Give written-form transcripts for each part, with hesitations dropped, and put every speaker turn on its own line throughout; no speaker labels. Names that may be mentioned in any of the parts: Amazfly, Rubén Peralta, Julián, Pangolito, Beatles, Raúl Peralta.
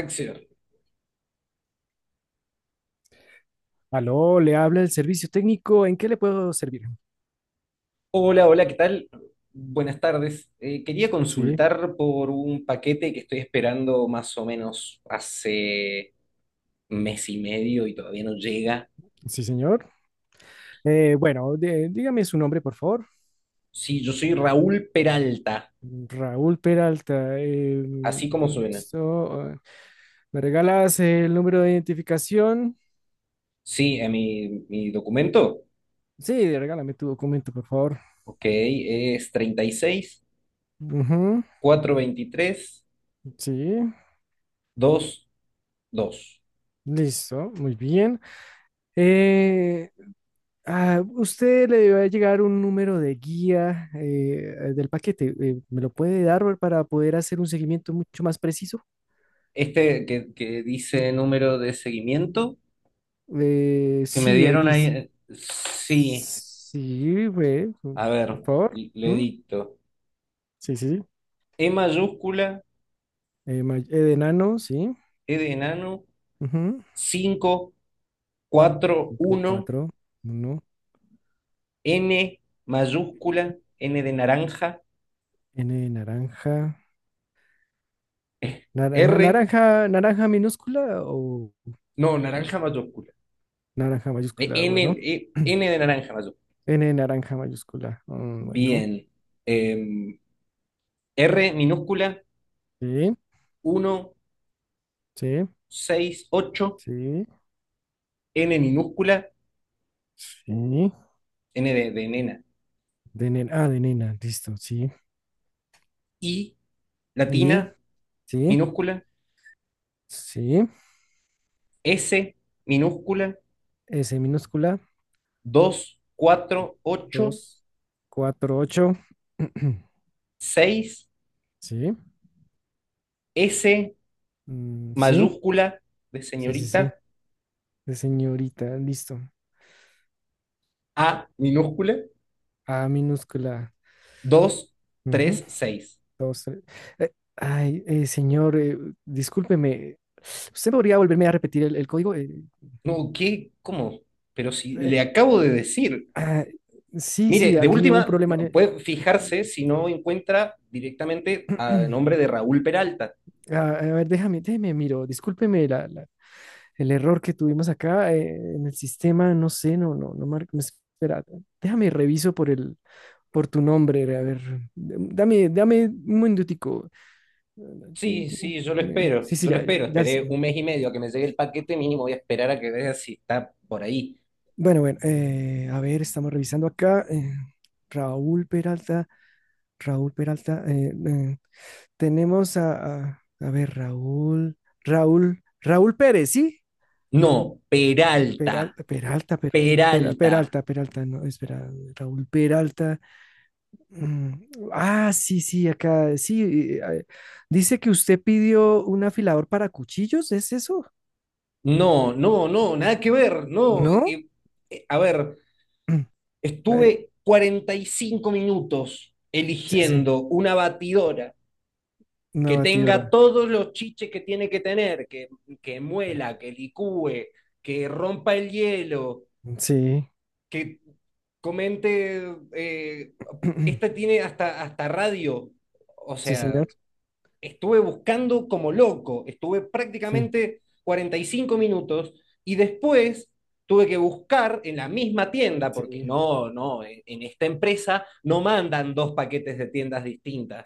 Acción.
Aló, le habla el servicio técnico. ¿En qué le puedo servir?
Hola, hola, ¿qué tal? Buenas tardes. Quería
Sí,
consultar por un paquete que estoy esperando más o menos hace mes y medio y todavía no llega.
sí, señor. Dígame su nombre, por favor.
Sí, yo soy Raúl Peralta,
Raúl Peralta.
así como suena.
Listo. ¿Me regalas el número de identificación?
Sí, mi documento,
Sí, regálame tu documento, por favor.
ok, es 36
Ujú.
423
Sí,
22.
listo. Muy bien. Eh, Usted le va a llegar un número de guía del paquete. ¿Me lo puede dar para poder hacer un seguimiento mucho más preciso?
Este que dice número de seguimiento que me
Sí,
dieron
Haití.
ahí, sí,
Sí, güey,
a
por
ver,
favor.
le
¿Mm?
dicto.
Sí, sí, sí.
E mayúscula,
E de enano, sí.
E de enano,
Ujú.
cinco cuatro
Cinco,
uno
cuatro, uno.
N mayúscula, N de naranja,
N de naranja. Naranja,
R,
naranja, ¿naranja minúscula
no,
o
naranja mayúscula.
naranja mayúscula?
N,
Bueno.
N de naranja mayúscula.
N de naranja mayúscula. Mm, bueno.
Bien. Em, R minúscula,
Sí,
uno
sí,
6 8
sí,
N minúscula,
sí.
N de nena,
De nena, ah, de nena, listo, sí.
I latina
Y, sí,
minúscula,
sí.
S minúscula,
S minúscula.
2 4 8
Dos, cuatro, ocho.
6
Sí,
S
mm, sí,
mayúscula de
sí, sí,
señorita,
sí. De señorita, listo.
A minúscula,
A minúscula.
dos
Ujú.
tres seis.
Dos, tres. Eh, señor, discúlpeme. ¿Usted podría volverme a repetir el código?
No, ¿qué? ¿Cómo? Pero si
Eh,
le acabo de decir.
ah, sí,
Mire,
sí,
de
aquí hubo un
última,
problema. El-
puede fijarse si no encuentra directamente a nombre de Raúl Peralta.
Ah, a ver, déjame, déjeme, miro. El error que tuvimos acá en el sistema, no sé, no, no, no marca. Espera, déjame reviso por tu nombre, a ver. Dame, dame un minutico. Tin,
Sí,
tin.
sí, yo lo espero,
Sí, sí,
yo lo
ya, ya,
espero.
ya sé.
Esperé un mes y medio a que me llegue el paquete, mínimo voy a esperar a que vea si está por ahí.
Bueno, bueno, a ver, estamos revisando acá. Raúl Peralta, Raúl Peralta. Tenemos a, a ver, Raúl, Raúl, Raúl Pérez, ¿sí?
No, Peralta,
Peral- Peralta, per-
Peralta.
Peralta, Peralta, no, espera, Raúl Peralta. Mm. Ah, sí, sí, acá, sí. Dice que usted pidió un afilador para cuchillos, ¿es eso?
No, no, no, nada que ver, no.
¿No?
A ver,
Mm,
estuve 45 minutos
sí, sí,
eligiendo una batidora
una
que tenga
batidora.
todos los chiches que tiene que tener, que muela, que licúe, que rompa el hielo,
Sí,
que comente, esta tiene hasta, hasta radio, o
sí,
sea,
señor.
estuve buscando como loco, estuve
Sí,
prácticamente 45 minutos y después tuve que buscar en la misma tienda,
sí.
porque no, no, en esta empresa no mandan dos paquetes de tiendas distintas.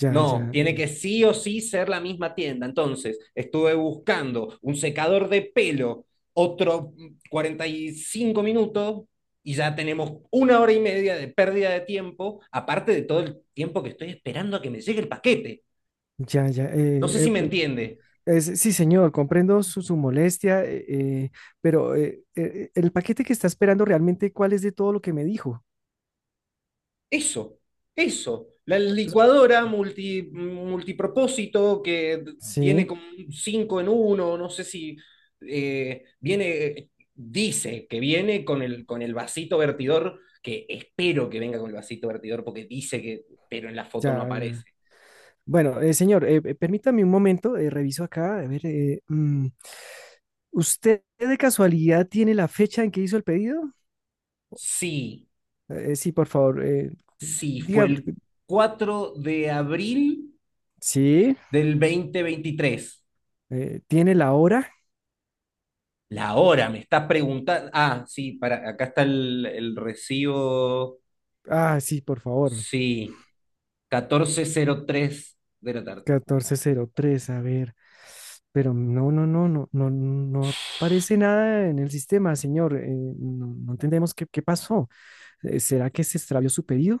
Ya,
No,
ya,
tiene que sí o sí ser la misma tienda. Entonces, estuve buscando un secador de pelo, otro 45 minutos, y ya tenemos una hora y media de pérdida de tiempo, aparte de todo el tiempo que estoy esperando a que me llegue el paquete.
ya, ya.
No sé si me entiende.
Sí, señor, comprendo su, su molestia, pero el paquete que está esperando realmente, ¿cuál es de todo lo que me dijo?
Eso, eso. La licuadora multipropósito que
Sí,
tiene como un 5 en uno, no sé si viene, dice que viene con el vasito vertidor, que espero que venga con el vasito vertidor porque dice que, pero en la foto no
ya.
aparece.
Bueno, señor, permítame un momento, reviso acá, a ver, mm, ¿usted de casualidad tiene la fecha en que hizo el pedido?
Sí,
Sí, por favor,
sí, fue
dígame,
el cuatro de abril
sí,
del dos mil veintitrés.
¿tiene la hora?
La hora, me estás preguntando. Ah, sí, para, acá está el recibo.
Ah, sí, por favor.
Sí, 14:03 de la tarde.
Catorce cero tres. A ver, pero no, no, no, no, no, no aparece nada en el sistema, señor, no, no entendemos qué, qué pasó. ¿Será que se extravió su pedido?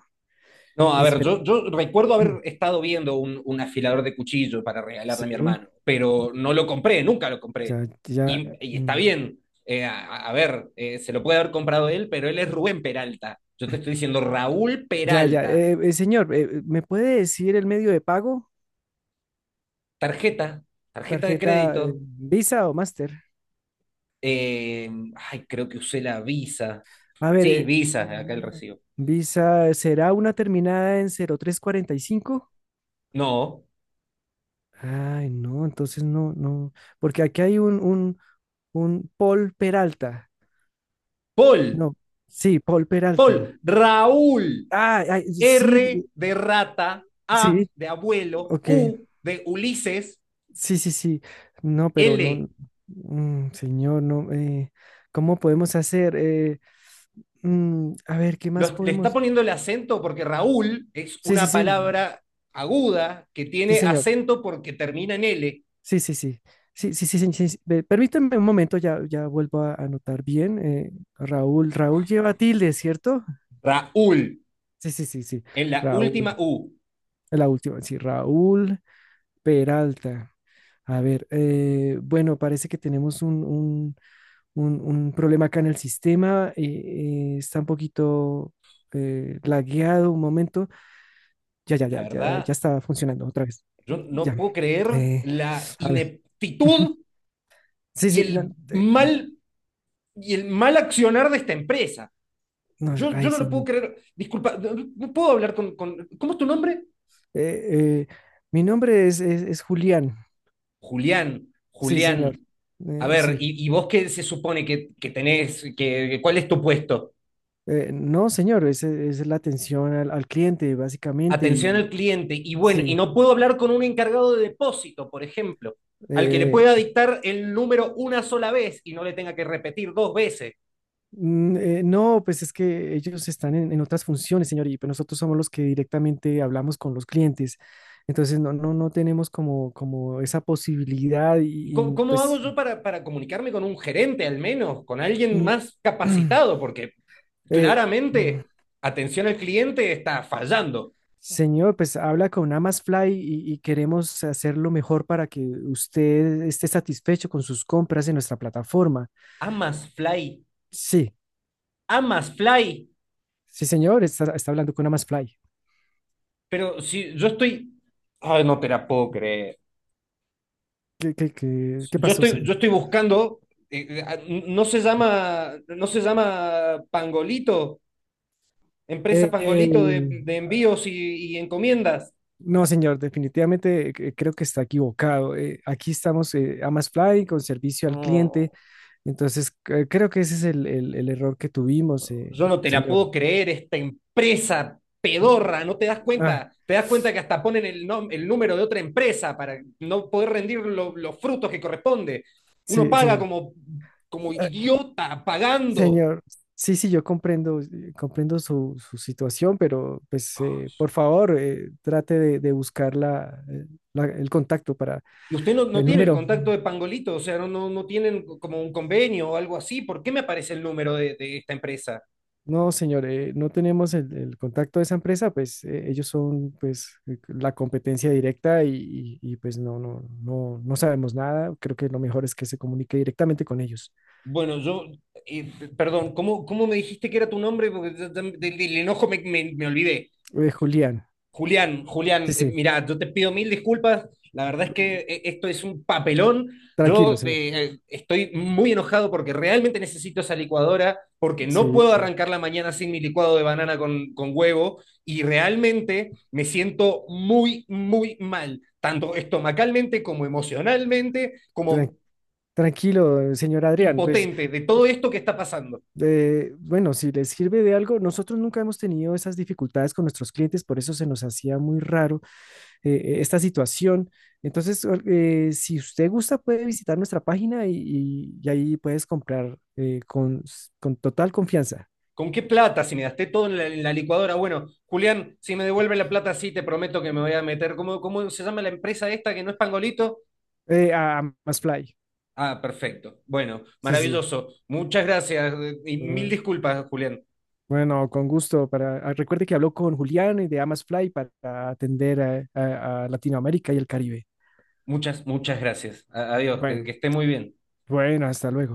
No, a ver,
Espera,
yo recuerdo haber estado viendo un afilador de cuchillo para regalarle a mi
sí,
hermano, pero no lo compré, nunca lo
ya,
compré.
ya.
Y está
Mm.
bien. A ver, se lo puede haber comprado él, pero él es Rubén Peralta. Yo te estoy diciendo Raúl
Ya, ya.
Peralta.
Señor, ¿me puede decir el medio de pago?
Tarjeta, tarjeta de
¿Tarjeta
crédito.
Visa o Master?
Eh, ay, creo que usé la Visa.
A ver,
Sí, Visa, acá el recibo.
Visa, ¿será una terminada en cero tres cuarenta y cinco?
No,
Ay, no, entonces no, no. Porque aquí hay un Paul Peralta.
Paul,
No, sí, Paul
Paul,
Peralta.
Raúl,
Ah, ay, sí,
R de rata, A
sí,
de abuelo,
ok.
U de Ulises,
Sí, sí, sí. No, pero
L.
no, mm, señor, no. ¿Cómo podemos hacer? A ver, ¿qué más
Le está
podemos?
poniendo el acento porque Raúl es
Sí, sí,
una
sí,
palabra aguda que
sí,
tiene
señor.
acento porque termina en L.
Sí, sí, sí. Sí, sí, sí, sí, sí, sí. Ve, permítame un momento, ya, ya vuelvo a anotar bien. Raúl, Raúl lleva tilde, ¿cierto?
Raúl,
Sí, sí, sí, sí.
en la
Raúl,
última U.
la última, sí, Raúl Peralta. A ver, bueno, parece que tenemos un problema acá en el sistema, está un poquito lagueado un momento. Ya, ya,
La
ya, ya, ya
verdad,
está funcionando otra vez.
yo no
Ya.
puedo creer
Eh,
la
a ver.
ineptitud
Sí,
y
sí,
el
no,
mal, accionar de esta empresa.
no
Yo
ay,
no
sí,
lo puedo
no.
creer. Disculpa, no, no puedo hablar. ¿Cómo es tu nombre?
Eh, eh, Mi nombre es Julián.
Julián,
Sí, señor.
Julián. A ver,
Sí.
¿y vos qué se supone que tenés? ¿Cuál es tu puesto?
No, señor, es la atención al cliente, básicamente,
Atención
y
al cliente. Y bueno, y
sí.
no puedo hablar con un encargado de depósito, por ejemplo, al que le
Eh,
pueda dictar el número una sola vez y no le tenga que repetir dos veces.
No, pues es que ellos están en otras funciones, señor, y pues nosotros somos los que directamente hablamos con los clientes. Entonces, no, no, no tenemos como, como esa posibilidad
¿Y cómo,
y,
cómo hago
pues,
yo para comunicarme con un gerente, al menos, con alguien más
mm.
capacitado? Porque
eh, mm,
claramente atención al cliente está fallando.
Señor, pues habla con Amazfly y queremos hacer lo mejor para que usted esté satisfecho con sus compras en nuestra plataforma.
Amas Fly,
Sí,
amas Fly,
sí, señor, está, está hablando con Amazfly.
pero si yo estoy, ay, no te la puedo creer.
¿Qué, qué, qué, qué
Yo
pasó,
estoy,
señor?
yo estoy buscando, eh, eh, ah, no se llama, no se llama Pangolito, empresa
Eh, eh,
Pangolito de envíos y encomiendas.
No, señor, definitivamente creo que está equivocado. Aquí estamos AmasFly con servicio al cliente.
No,
Entonces, creo que ese es el error que tuvimos,
yo no te la
señor.
puedo creer, esta empresa pedorra, no te das
Ah,
cuenta, te das cuenta que hasta ponen el, el número de otra empresa para no poder rendir los frutos que corresponde. Uno
sí,
paga
sí,
como
ah,
idiota pagando
señor. Sí, sí, yo comprendo, comprendo su, su situación, pero pues por favor, trate de buscar la, el contacto para
y usted no, no
el
tiene el
número.
contacto de Pangolito, o sea, no, no, no tienen como un convenio o algo así. ¿Por qué me aparece el número de esta empresa?
No, señor, no tenemos el contacto de esa empresa, pues ellos son pues la competencia directa y, y, pues no, no, no, no sabemos nada. Creo que lo mejor es que se comunique directamente con ellos.
Bueno, eh, perdón, ¿cómo me dijiste que era tu nombre? Porque del enojo me olvidé.
Julián,
Julián,
sí,
Julián,
sí,
mira, yo te pido mil disculpas. La verdad es que
mm,
esto es un papelón.
tranquilo,
Yo
señor.
estoy muy enojado porque realmente necesito esa licuadora, porque no
Sí,
puedo
sí,
arrancar la mañana sin mi licuado de banana con huevo y realmente me siento muy, muy mal, tanto estomacalmente como emocionalmente,
tran-
como
tranquilo, señor Adrián. Pues
impotente de todo esto que está pasando.
bueno, si les sirve de algo, nosotros nunca hemos tenido esas dificultades con nuestros clientes, por eso se nos hacía muy raro esta situación. Entonces, si usted gusta, puede visitar nuestra página y, y ahí puedes comprar con total confianza.
¿Con qué plata? Si me gasté todo en la, licuadora. Bueno, Julián, si me devuelve la plata, sí, te prometo que me voy a meter. ¿Cómo se llama la empresa esta que no es Pangolito?
A Amazfly.
Ah, perfecto. Bueno,
Sí, sí, sí.
maravilloso. Muchas gracias y mil
Ah,
disculpas, Julián.
bueno, con gusto. Para, ah, recuerde que habló con Julián de Amazfly para atender a Latinoamérica y el Caribe.
Muchas, muchas gracias. Adiós, que
Bueno,
esté muy bien.
bueno, hasta luego.